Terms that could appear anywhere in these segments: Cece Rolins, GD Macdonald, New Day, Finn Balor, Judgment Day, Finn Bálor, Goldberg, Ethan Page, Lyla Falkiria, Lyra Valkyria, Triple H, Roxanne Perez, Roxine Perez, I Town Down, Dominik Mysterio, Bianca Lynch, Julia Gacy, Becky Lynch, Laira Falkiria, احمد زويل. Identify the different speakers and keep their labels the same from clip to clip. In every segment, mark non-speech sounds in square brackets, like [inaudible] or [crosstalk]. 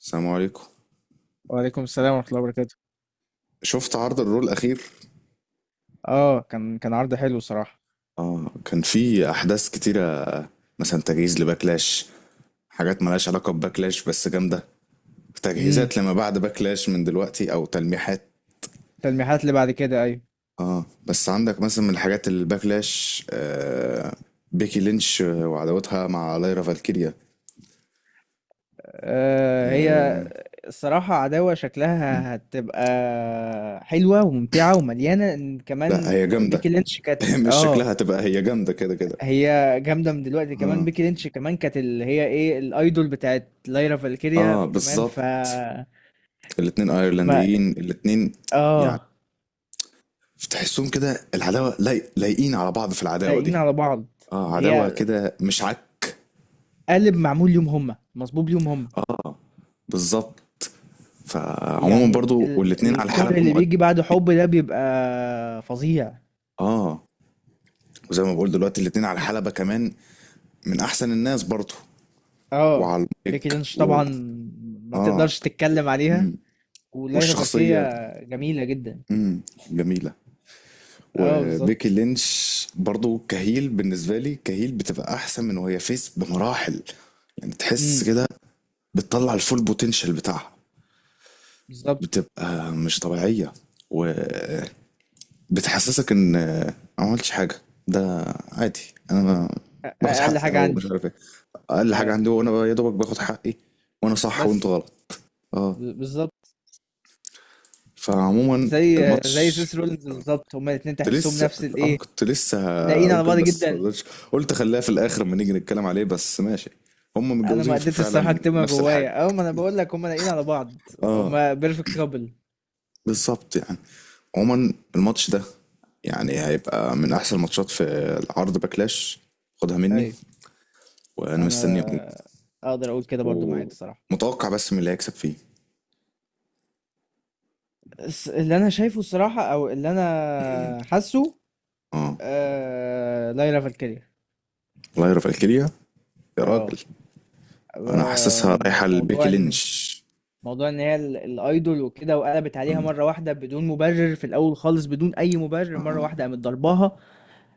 Speaker 1: السلام عليكم.
Speaker 2: وعليكم السلام ورحمة الله وبركاته.
Speaker 1: شفت عرض الرو الأخير؟
Speaker 2: اه، كان عرض حلو صراحة.
Speaker 1: اه، كان في أحداث كتيرة. مثلا تجهيز لباكلاش، حاجات ملهاش علاقة بباكلاش بس جامدة،
Speaker 2: امم
Speaker 1: تجهيزات لما بعد باكلاش من دلوقتي أو تلميحات.
Speaker 2: التلميحات اللي بعد كده، ايوه.
Speaker 1: اه بس عندك مثلا من الحاجات اللي باكلاش آه، بيكي لينش وعداوتها مع لايرا فالكيريا.
Speaker 2: آه، هي.
Speaker 1: آه.
Speaker 2: الصراحة عداوة
Speaker 1: م.
Speaker 2: شكلها هتبقى حلوة وممتعة ومليانة، إن
Speaker 1: لا
Speaker 2: كمان
Speaker 1: هي جامدة.
Speaker 2: بيكي لينش كانت
Speaker 1: [laughs] مش شكلها هتبقى، هي جامدة كده كده.
Speaker 2: هي جامدة من دلوقتي. كمان
Speaker 1: اه.
Speaker 2: بيكي لينش كمان كانت اللي هي ايه، الايدول بتاعت لايرا فالكيريا
Speaker 1: اه
Speaker 2: كمان. ف
Speaker 1: بالظبط، الاتنين
Speaker 2: ما
Speaker 1: ايرلنديين الاتنين. يعني
Speaker 2: اه
Speaker 1: تحسهم كده العداوه لايقين على بعض في العداوه
Speaker 2: لايقين
Speaker 1: دي.
Speaker 2: على بعض.
Speaker 1: اه عداوه
Speaker 2: هي
Speaker 1: كده مش عك.
Speaker 2: قالب معمول ليهم هما، مصبوب ليهم هما.
Speaker 1: اه بالظبط. فعموما
Speaker 2: يعني
Speaker 1: برضو والاتنين على حلبة
Speaker 2: الكره اللي بيجي بعد حب ده بيبقى فظيع.
Speaker 1: اه، وزي ما بقول دلوقتي الاتنين على حلبة كمان، من احسن الناس برضو،
Speaker 2: اه،
Speaker 1: وعلى
Speaker 2: بيكي
Speaker 1: المايك
Speaker 2: لينش
Speaker 1: و...
Speaker 2: طبعا ما
Speaker 1: اه.
Speaker 2: تقدرش تتكلم عليها،
Speaker 1: مم.
Speaker 2: وليلى
Speaker 1: والشخصية.
Speaker 2: فاركية جميلة جدا.
Speaker 1: مم. جميلة.
Speaker 2: اه
Speaker 1: وبيكي
Speaker 2: بالظبط.
Speaker 1: لينش برضو كهيل، بالنسبة لي كهيل بتبقى احسن من وهي فيس بمراحل. يعني تحس
Speaker 2: امم
Speaker 1: كده بتطلع الفول بوتنشال بتاعها،
Speaker 2: بالظبط.
Speaker 1: بتبقى مش طبيعية، وبتحسسك ان ما عملتش حاجة. ده عادي. انا باخد
Speaker 2: اقل
Speaker 1: حقي
Speaker 2: حاجة
Speaker 1: او مش
Speaker 2: عندي.
Speaker 1: عارف ايه. اقل حاجة
Speaker 2: اه
Speaker 1: عندي وانا يا دوبك باخد حقي، وانا صح وانتوا
Speaker 2: بس.
Speaker 1: غلط. اه.
Speaker 2: بالظبط.
Speaker 1: فعموما
Speaker 2: زي زي
Speaker 1: الماتش،
Speaker 2: سيس رولينز بالظبط، هما الاتنين
Speaker 1: كنت
Speaker 2: تحسهم
Speaker 1: لسه،
Speaker 2: نفس
Speaker 1: اه
Speaker 2: الايه،
Speaker 1: كنت لسه
Speaker 2: لاقيين
Speaker 1: هقول
Speaker 2: على
Speaker 1: كده
Speaker 2: بعض
Speaker 1: بس ما
Speaker 2: جدا.
Speaker 1: قدرتش. قلت خليها في الاخر لما نيجي نتكلم عليه، بس ماشي. هم
Speaker 2: انا ما
Speaker 1: متجوزين
Speaker 2: قدرتش الصراحة
Speaker 1: فعلا،
Speaker 2: اكتبها
Speaker 1: نفس الحاجة.
Speaker 2: جوايا. اه، ما انا بقول لك هما لاقيين على بعض،
Speaker 1: اه
Speaker 2: هما بيرفكت كابل.
Speaker 1: بالظبط. يعني عموما الماتش ده يعني هيبقى من احسن الماتشات في العرض باكلاش، خدها مني. وانا مستني
Speaker 2: انا اقدر اقول كده برضو معاك الصراحه.
Speaker 1: ومتوقع بس من اللي هيكسب فيه.
Speaker 2: بس اللي انا شايفه الصراحه، او اللي
Speaker 1: امم.
Speaker 2: انا حاسه،
Speaker 1: اه
Speaker 2: ليلى فالكيريا.
Speaker 1: الله يرفع الكليه يا راجل.
Speaker 2: اه.
Speaker 1: انا حاسسها رايحه
Speaker 2: موضوع
Speaker 1: لبيكي
Speaker 2: ان.
Speaker 1: لينش.
Speaker 2: موضوع ان هي الايدول وكده، وقلبت عليها
Speaker 1: آه.
Speaker 2: مره واحده بدون مبرر، في الاول خالص بدون اي مبرر، مره
Speaker 1: آه.
Speaker 2: واحده قامت ضرباها.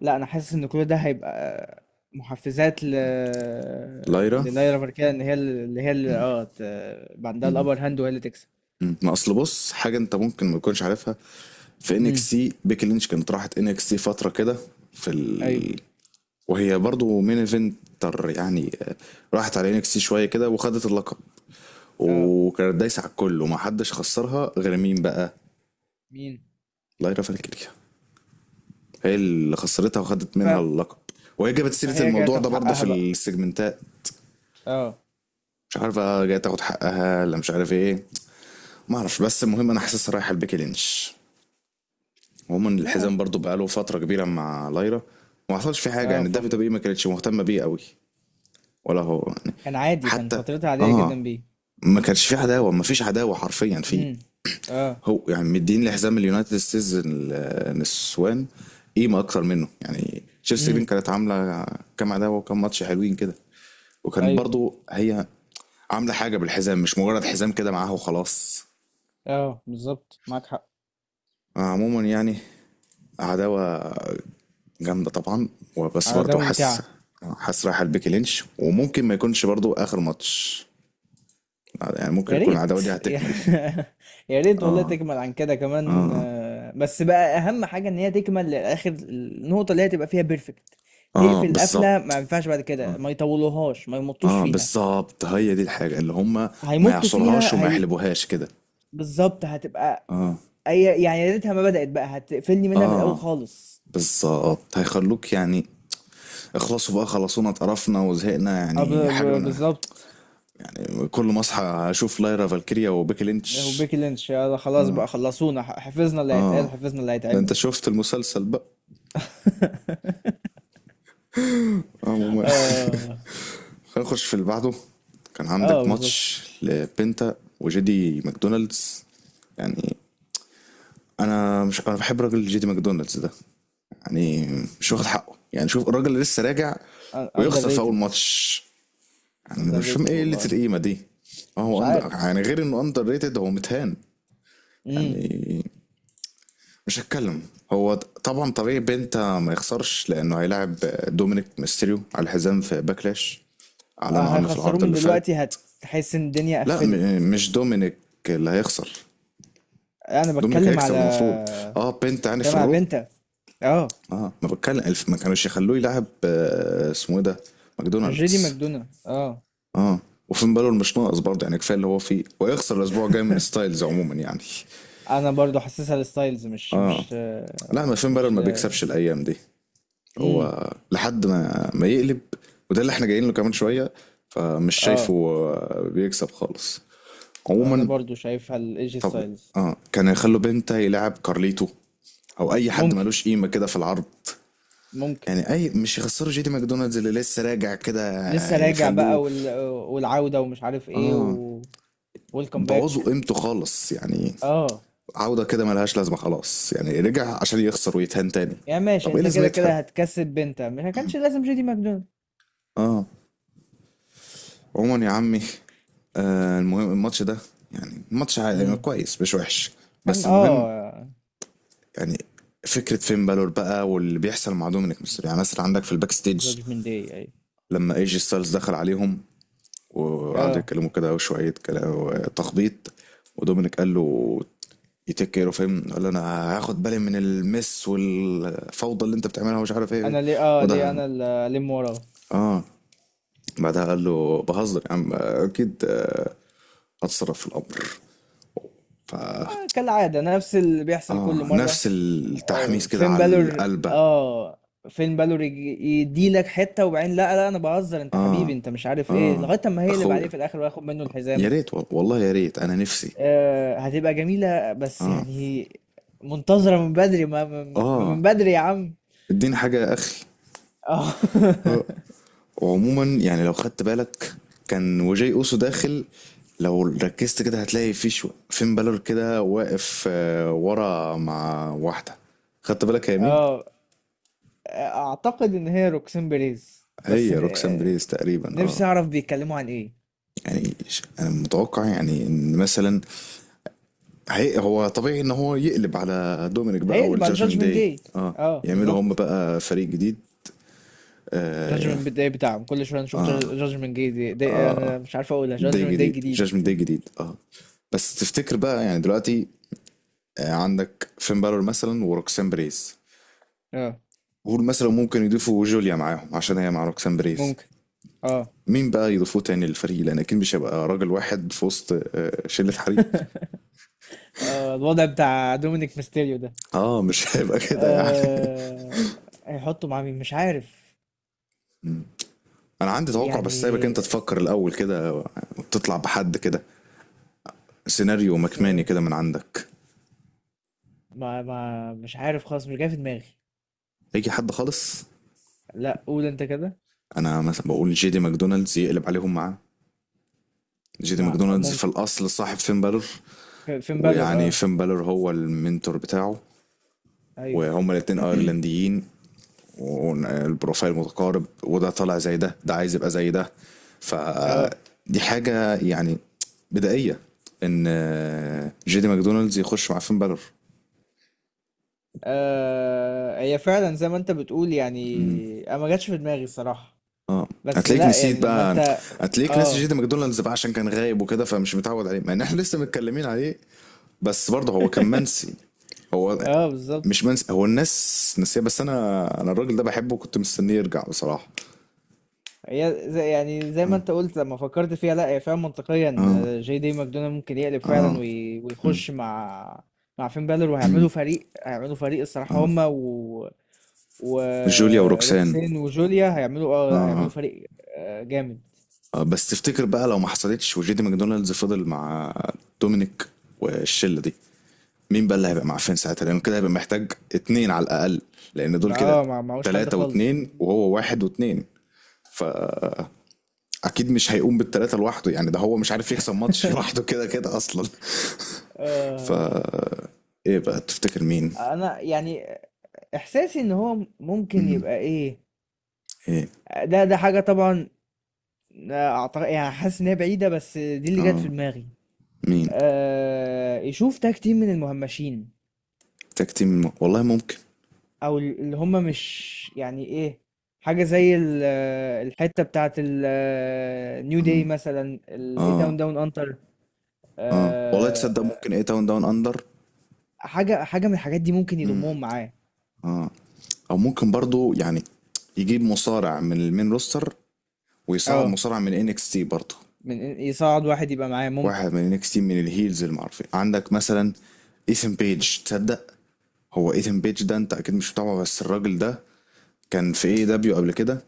Speaker 2: لا، انا حاسس ان كل ده هيبقى محفزات ل
Speaker 1: لايرا.
Speaker 2: لليلى فالكيريا، ان هي يبقى عندها
Speaker 1: مم.
Speaker 2: الابر هاند وهي اللي تكسب.
Speaker 1: مم. ما اصل بص، حاجه انت ممكن ما تكونش عارفها. في ان اكس
Speaker 2: امم
Speaker 1: سي، بيكي لينش كانت راحت ان اكس سي فتره كده. في
Speaker 2: ايوه
Speaker 1: ال... وهي برضو مين ايفنتر يعني آه، راحت على ان اكس سي شويه كده وخدت اللقب،
Speaker 2: اه.
Speaker 1: وكانت دايسة على الكل وما حدش خسرها غير مين بقى؟
Speaker 2: مين؟
Speaker 1: لايرا فالكيريا. هي اللي خسرتها وخدت منها
Speaker 2: ففي
Speaker 1: اللقب. وهي جابت سيرة
Speaker 2: فهي جاية
Speaker 1: الموضوع ده
Speaker 2: تاخد
Speaker 1: برضه في
Speaker 2: حقها بقى.
Speaker 1: السيجمنتات.
Speaker 2: اه
Speaker 1: مش عارفة جاية تاخد حقها ولا مش عارف ايه. ما اعرفش، بس المهم انا حاسسها رايحة لبيكي لينش. عموما
Speaker 2: اه
Speaker 1: الحزام برضه بقاله فترة كبيرة مع لايرا، وما حصلش فيه حاجة.
Speaker 2: اه،
Speaker 1: يعني الدبليو دبليو اي ما كانتش مهتمة بيه قوي، ولا هو يعني
Speaker 2: كان عادي. كان
Speaker 1: حتى،
Speaker 2: فترتها عادية
Speaker 1: اه
Speaker 2: جدا بيه.
Speaker 1: ما كانش في عداوة، ما فيش عداوة حرفيا فيه.
Speaker 2: امم اه.
Speaker 1: هو يعني مدين لحزام اليونايتد السيزون. نسوان قيمه اكتر منه. يعني تشيلسي رين
Speaker 2: امم
Speaker 1: كانت عامله كام عداوه وكام ماتش حلوين كده، وكان
Speaker 2: ايوه
Speaker 1: برضو هي عامله حاجه بالحزام، مش مجرد حزام كده معاها وخلاص.
Speaker 2: اه بالظبط، معاك حق.
Speaker 1: عموما يعني عداوه جامده طبعا. وبس
Speaker 2: على ده
Speaker 1: برضو حاسس،
Speaker 2: ممتعة.
Speaker 1: حاسس رايحه لبيكي لينش، وممكن ما يكونش برضو اخر ماتش. يعني ممكن
Speaker 2: يا
Speaker 1: يكون
Speaker 2: ريت
Speaker 1: العداوه دي
Speaker 2: [laughs] يا
Speaker 1: هتكمل.
Speaker 2: يا ريت والله
Speaker 1: اه.
Speaker 2: تكمل عن كده كمان.
Speaker 1: اه.
Speaker 2: آه، بس بقى اهم حاجة ان هي تكمل للاخر، النقطة اللي هي تبقى فيها بيرفكت.
Speaker 1: اه
Speaker 2: تقفل قفلة،
Speaker 1: بالظبط.
Speaker 2: ما ينفعش بعد كده ما يطولوهاش، ما يمطوش
Speaker 1: اه
Speaker 2: فيها.
Speaker 1: بالظبط هي دي الحاجة اللي هما ما
Speaker 2: هيمطوا
Speaker 1: يعصرهاش
Speaker 2: فيها
Speaker 1: وما
Speaker 2: هي.
Speaker 1: يحلبوهاش كده.
Speaker 2: بالظبط هتبقى.
Speaker 1: اه.
Speaker 2: يعني يا ريتها ما بدأت، بقى هتقفلني منها من الاول
Speaker 1: اه
Speaker 2: خالص.
Speaker 1: بالظبط هيخلوك يعني اخلصوا بقى، خلصونا، اتقرفنا وزهقنا، يعني حاجة من،
Speaker 2: بالظبط.
Speaker 1: يعني كل ما اصحى اشوف لايرا فالكيريا وبيكي لينش.
Speaker 2: وبيكي لينش، يلا خلاص بقى خلصونا. حفظنا اللي هيتقال،
Speaker 1: اه،
Speaker 2: حفظنا اللي
Speaker 1: ده
Speaker 2: هيتعمل.
Speaker 1: انت شفت المسلسل بقى.
Speaker 2: [laughs]
Speaker 1: عموما
Speaker 2: اه.
Speaker 1: [laughs] هنخش في اللي بعده. كان
Speaker 2: اه
Speaker 1: عندك
Speaker 2: بالظبط.
Speaker 1: ماتش لبنتا وجيدي ماكدونالدز. يعني انا مش انا بحب راجل جيدي ماكدونالدز ده. يعني مش واخد حقه. يعني شوف الراجل اللي لسه راجع
Speaker 2: اندر
Speaker 1: ويخسر في اول
Speaker 2: ريتد،
Speaker 1: ماتش. يعني
Speaker 2: اندر
Speaker 1: مش فاهم
Speaker 2: ريتد
Speaker 1: ايه قله
Speaker 2: والله.
Speaker 1: القيمه دي. آه
Speaker 2: مش
Speaker 1: هو
Speaker 2: عارف.
Speaker 1: يعني غير انه اندر ريتد هو متهان.
Speaker 2: امم
Speaker 1: يعني مش هتكلم. هو طبعا طبيعي بنتا ما يخسرش، لانه هيلاعب دومينيك ميستيريو على الحزام في باكلاش، اعلنوا
Speaker 2: آه،
Speaker 1: عنه في
Speaker 2: هيخسروه
Speaker 1: العرض
Speaker 2: من
Speaker 1: اللي فات.
Speaker 2: دلوقتي، هتحس ان الدنيا
Speaker 1: لا
Speaker 2: قفلت.
Speaker 1: مش دومينيك اللي هيخسر،
Speaker 2: انا
Speaker 1: دومينيك
Speaker 2: بتكلم
Speaker 1: هيكسب
Speaker 2: على
Speaker 1: المفروض. اه بنت يعني في
Speaker 2: بتكلم على
Speaker 1: الرو.
Speaker 2: بنتا. اه،
Speaker 1: اه ما بتكلم ما كانوش يخلوه يلعب آه، اسمه ايه ده،
Speaker 2: مش جيدي
Speaker 1: ماكدونالدز.
Speaker 2: ماكدونا. اه.
Speaker 1: اه. وفين بالور مش ناقص برضه، يعني كفايه اللي هو فيه، ويخسر الاسبوع الجاي من
Speaker 2: [laughs]
Speaker 1: ستايلز. عموما يعني،
Speaker 2: انا برضو حاسسها للستايلز، مش
Speaker 1: اه،
Speaker 2: مش
Speaker 1: لا
Speaker 2: آه،
Speaker 1: ما فين بالور
Speaker 2: مش
Speaker 1: ما
Speaker 2: ل...
Speaker 1: بيكسبش الايام دي.
Speaker 2: امم
Speaker 1: هو لحد ما يقلب، وده اللي احنا جايين له كمان شويه. فمش شايفه
Speaker 2: اه
Speaker 1: آه، بيكسب خالص.
Speaker 2: انا
Speaker 1: عموما.
Speaker 2: برضو شايفها لايجي
Speaker 1: طب
Speaker 2: ستايلز.
Speaker 1: اه كان يخلوا بنتا يلعب كارليتو، او اي حد
Speaker 2: ممكن
Speaker 1: ملوش قيمه كده في العرض.
Speaker 2: ممكن
Speaker 1: يعني اي مش يخسروا جيدي ماكدونالدز اللي لسه راجع كده،
Speaker 2: لسه راجع
Speaker 1: يخلوه.
Speaker 2: بقى والعودة، ومش عارف ايه
Speaker 1: اه
Speaker 2: ويلكم
Speaker 1: بوظوا
Speaker 2: باك.
Speaker 1: قيمته خالص يعني.
Speaker 2: اه
Speaker 1: عودة كده ملهاش لازمة خلاص، يعني رجع عشان يخسر ويتهان تاني.
Speaker 2: يعني ماشي،
Speaker 1: طب ايه
Speaker 2: انت كده
Speaker 1: لازمتها.
Speaker 2: كده هتكسب بنتا، مش ما كانش لازم جيدي ماكدونالد.
Speaker 1: اه عموما يا عمي. آه المهم الماتش ده، يعني الماتش عادي، يعني
Speaker 2: امم
Speaker 1: كويس مش وحش. بس
Speaker 2: كان
Speaker 1: المهم
Speaker 2: اه
Speaker 1: يعني فكرة فين بالور بقى واللي بيحصل مع دومينيك ميستيريو. يعني مثلا عندك في الباك ستيج
Speaker 2: جادجمنت داي اي.
Speaker 1: لما ايجي ستايلز دخل عليهم، وقعدوا
Speaker 2: اه،
Speaker 1: يتكلموا كده شوية كلام، تخبيط. ودومينيك قال له يتك كير اوف هيم، قال له انا هاخد بالي من المس والفوضى اللي انت بتعملها ومش عارف ايه.
Speaker 2: انا ليه اه ليه
Speaker 1: وده،
Speaker 2: انا اللي الم وراه.
Speaker 1: اه بعدها قال له بهزر يا عم اكيد آه، هتصرف في الامر. ف
Speaker 2: آه، كالعادة نفس اللي بيحصل كل
Speaker 1: اه
Speaker 2: مرة.
Speaker 1: نفس
Speaker 2: آه،
Speaker 1: التحميس كده
Speaker 2: فين
Speaker 1: على
Speaker 2: بالور
Speaker 1: القلبه.
Speaker 2: اه. فين بالور يدي لك حتة، وبعدين لا لا، انا بهزر، انت حبيبي،
Speaker 1: اه.
Speaker 2: انت مش عارف ايه،
Speaker 1: اه
Speaker 2: لغاية اما هيقلب عليه
Speaker 1: اخويا،
Speaker 2: في الاخر وياخد منه
Speaker 1: يا
Speaker 2: الحزام.
Speaker 1: ريت والله يا ريت، انا نفسي.
Speaker 2: آه، هتبقى جميلة، بس
Speaker 1: اه.
Speaker 2: يعني منتظرة من بدري. ما ما- ما
Speaker 1: اه
Speaker 2: من بدري يا عم.
Speaker 1: اديني حاجه يا اخي.
Speaker 2: اه. [laughs]
Speaker 1: آه. وعموما يعني لو خدت بالك، كان وجاي اوسو داخل، لو ركزت كده هتلاقي في شو فين بالور كده واقف آه، ورا مع واحده. خدت بالك يا مين؟
Speaker 2: اه، اعتقد ان هي روكسين بيريز، بس
Speaker 1: هي روكسان
Speaker 2: آه،
Speaker 1: بريس تقريبا، اه.
Speaker 2: نفسي اعرف بيتكلموا عن ايه.
Speaker 1: يعني انا متوقع يعني ان مثلا، هو طبيعي ان هو يقلب على دومينيك بقى
Speaker 2: هيقلب على
Speaker 1: والجاجمنت
Speaker 2: جادجمنت
Speaker 1: داي.
Speaker 2: داي.
Speaker 1: اه
Speaker 2: اه
Speaker 1: يعملوا هم
Speaker 2: بالظبط.
Speaker 1: بقى فريق جديد. اه,
Speaker 2: جادجمنت داي بتاعهم كل شوية، نشوف جادجمنت داي دي.
Speaker 1: آه.
Speaker 2: انا مش عارف اقولها
Speaker 1: داي
Speaker 2: جادجمنت داي
Speaker 1: جديد،
Speaker 2: جديد.
Speaker 1: جاجمنت داي جديد اه. بس تفتكر بقى يعني دلوقتي، آه عندك فين بالور مثلا وروكسان بريز،
Speaker 2: اه
Speaker 1: قول مثلا ممكن يضيفوا جوليا معاهم عشان هي مع روكسان بريز.
Speaker 2: ممكن. اه
Speaker 1: مين بقى يضيفوه تاني للفريق، لان اكيد مش هيبقى راجل واحد في وسط آه، شله حريق.
Speaker 2: [laughs] آه، الوضع بتاع دومينيك ميستيريو ده.
Speaker 1: اه مش [laughs] هيبقى كده يعني.
Speaker 2: آه، هيحطوا مع مين، مش عارف.
Speaker 1: انا عندي توقع بس سايبك
Speaker 2: يعني
Speaker 1: انت تفكر الاول كده، وتطلع بحد كده، سيناريو مكماني
Speaker 2: س-
Speaker 1: كده من عندك.
Speaker 2: ما ما مش عارف خالص، مش جاي في دماغي.
Speaker 1: اي حد خالص.
Speaker 2: لا، قول انت كده.
Speaker 1: انا مثلا بقول جي دي ماكدونالدز يقلب عليهم معاه. جي دي
Speaker 2: ما
Speaker 1: ماكدونالدز في
Speaker 2: ممكن.
Speaker 1: الاصل صاحب فين بالور،
Speaker 2: فين بالور
Speaker 1: ويعني
Speaker 2: اه.
Speaker 1: فين بالور هو المنتور بتاعه،
Speaker 2: ايوه
Speaker 1: وهما الاتنين ايرلنديين، والبروفايل متقارب، وده طالع زي ده، ده عايز يبقى زي ده.
Speaker 2: اه.
Speaker 1: فدي حاجة يعني بدائية ان جي دي ماكدونالدز يخش مع فين بالور.
Speaker 2: آه، هي فعلا زي ما انت بتقول،
Speaker 1: مم.
Speaker 2: يعني انا ما جاتش في دماغي الصراحة.
Speaker 1: اه
Speaker 2: بس
Speaker 1: هتلاقيك
Speaker 2: لا، يعني
Speaker 1: نسيت
Speaker 2: لما
Speaker 1: بقى،
Speaker 2: انت
Speaker 1: هتلاقيك ناسي
Speaker 2: اه.
Speaker 1: جيدي ماكدونالدز بقى عشان كان غايب وكده، فمش متعود عليه مع ان احنا لسه متكلمين عليه. بس برضه هو كان
Speaker 2: [laughs]
Speaker 1: منسي. هو
Speaker 2: اه
Speaker 1: مش
Speaker 2: بالظبط.
Speaker 1: منسي، هو الناس نسيه، بس انا الراجل ده بحبه وكنت مستنيه يرجع بصراحة.
Speaker 2: هي زي، يعني زي ما
Speaker 1: اه.
Speaker 2: انت قلت، لما فكرت فيها لا، هي فعلا منطقية
Speaker 1: اه.
Speaker 2: ان جي دي ماكدونالد ممكن يقلب فعلا،
Speaker 1: اه. مم.
Speaker 2: ويخش مع مع فين بالور،
Speaker 1: مم.
Speaker 2: وهيعملوا فريق هيعملوا فريق الصراحة،
Speaker 1: اه.
Speaker 2: هما
Speaker 1: جوليا وروكسان،
Speaker 2: وروكسين وجوليا
Speaker 1: اه
Speaker 2: هيعملوا
Speaker 1: آه.
Speaker 2: فريق. آه، جامد.
Speaker 1: آه، بس تفتكر بقى لو ما حصلتش، وجيدي ماكدونالدز فضل مع دومينيك والشلة دي، مين بقى اللي هيبقى معفن ساعتها؟ لانه كده هيبقى محتاج اتنين على الاقل، لان دول كده
Speaker 2: اه، ما معهوش حد
Speaker 1: تلاتة
Speaker 2: خالص.
Speaker 1: واتنين، وهو واحد واتنين. فا اكيد مش هيقوم بالتلاتة لوحده، يعني ده هو مش عارف يكسب ماتش [laughs]
Speaker 2: [laughs]
Speaker 1: لوحده كده كده اصلا. [applause] فا
Speaker 2: آه،
Speaker 1: ايه بقى تفتكر مين.
Speaker 2: انا يعني احساسي ان هو ممكن
Speaker 1: مم.
Speaker 2: يبقى ايه.
Speaker 1: ايه.
Speaker 2: ده حاجه طبعا اعتقد. يعني حاسس ان هي بعيده، بس دي اللي جت في
Speaker 1: اه
Speaker 2: دماغي.
Speaker 1: مين؟
Speaker 2: آه، يشوف تاج تيم من المهمشين،
Speaker 1: تاك تيم، والله ممكن.
Speaker 2: او اللي هم مش يعني ايه، حاجه زي الحته بتاعت النيو داي
Speaker 1: اه.
Speaker 2: مثلا، الاي
Speaker 1: اه
Speaker 2: تاون داون انتر.
Speaker 1: اه والله تصدق ممكن، ايه، تاون داون اندر.
Speaker 2: حاجة من الحاجات دي، ممكن
Speaker 1: مم.
Speaker 2: يضمهم معاه.
Speaker 1: اه او ممكن برضو يعني يجيب مصارع من المين روستر، ويصعد
Speaker 2: اه،
Speaker 1: مصارع من انكس تي برضه.
Speaker 2: من يصعد واحد يبقى معاه، ممكن.
Speaker 1: واحد من انكس تي من الهيلز المعروفين عندك مثلا، ايثن بيج، تصدق. هو ايثن بيج ده انت اكيد مش متابعه، بس الراجل ده كان في اي دبليو قبل كده،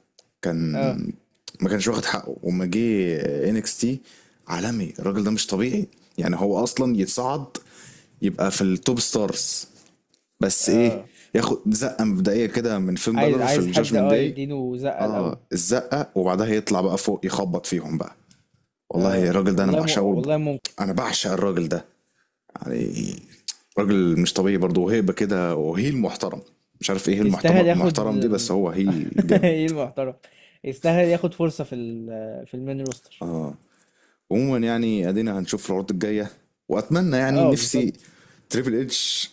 Speaker 2: اه
Speaker 1: كان ما كانش واخد حقه، وما جه انكس تي، عالمي الراجل ده، مش طبيعي. يعني هو اصلا يتصعد، يبقى في التوب ستارز، بس ايه،
Speaker 2: اه،
Speaker 1: ياخد زقه مبدئيه كده من فين
Speaker 2: عايز
Speaker 1: بالر في
Speaker 2: عايز حد
Speaker 1: الجاجمنت
Speaker 2: اه
Speaker 1: داي.
Speaker 2: يديله زقة الأول.
Speaker 1: اه الزقه، وبعدها يطلع بقى فوق يخبط فيهم بقى. والله
Speaker 2: اه
Speaker 1: الراجل ده انا
Speaker 2: والله
Speaker 1: بعشقه،
Speaker 2: والله ممكن.
Speaker 1: انا بعشق الراجل ده. يعني راجل مش طبيعي برضه، وهيبه كده، وهيل محترم. مش عارف ايه هيل
Speaker 2: يستاهل
Speaker 1: محترم،
Speaker 2: ياخد
Speaker 1: محترم دي، بس هو هيل
Speaker 2: [laughs]
Speaker 1: جامد.
Speaker 2: ايه المحترم. يستاهل ياخد فرصة في المين روستر.
Speaker 1: اه عموما يعني، ادينا هنشوف العروض الجايه، واتمنى يعني
Speaker 2: اه
Speaker 1: نفسي
Speaker 2: بالظبط.
Speaker 1: تريبل اتش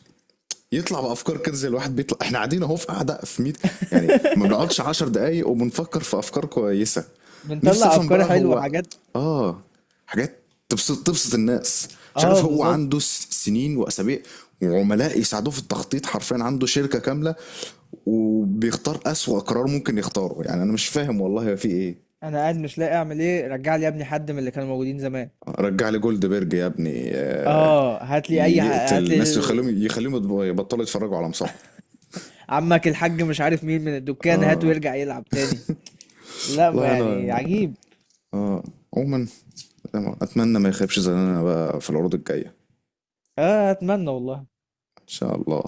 Speaker 1: يطلع بافكار كده، زي الواحد بيطلع احنا قاعدين اهو في قاعده في ميت، يعني ما
Speaker 2: [laughs]
Speaker 1: بنقعدش 10 دقايق وبنفكر في افكار كويسه. نفسي
Speaker 2: بنطلع
Speaker 1: افهم
Speaker 2: افكار
Speaker 1: بقى،
Speaker 2: حلوة
Speaker 1: هو
Speaker 2: وحاجات.
Speaker 1: اه، حاجات تبسط الناس، مش
Speaker 2: اه
Speaker 1: عارف هو عنده
Speaker 2: بالظبط.
Speaker 1: سنين واسابيع وعملاء يساعدوه في التخطيط، حرفيا عنده شركه كامله، وبيختار اسوأ قرار ممكن يختاره. يعني انا مش فاهم والله في ايه.
Speaker 2: انا قاعد مش لاقي اعمل ايه، رجع لي يا ابني حد من اللي كانوا موجودين زمان.
Speaker 1: رجع لي جولد بيرج يا ابني آه،
Speaker 2: اه،
Speaker 1: يقتل
Speaker 2: هات لي.
Speaker 1: الناس، يخليهم يبطلوا يتفرجوا على مصارعه.
Speaker 2: عمك الحاج مش عارف مين، من الدكان هاته
Speaker 1: اه
Speaker 2: يرجع يلعب تاني. لا، ما
Speaker 1: والله انا،
Speaker 2: يعني عجيب.
Speaker 1: اه، عموما أتمنى ما يخيبش ظننا بقى في العروض الجاية.
Speaker 2: اه، اتمنى والله.
Speaker 1: إن شاء الله.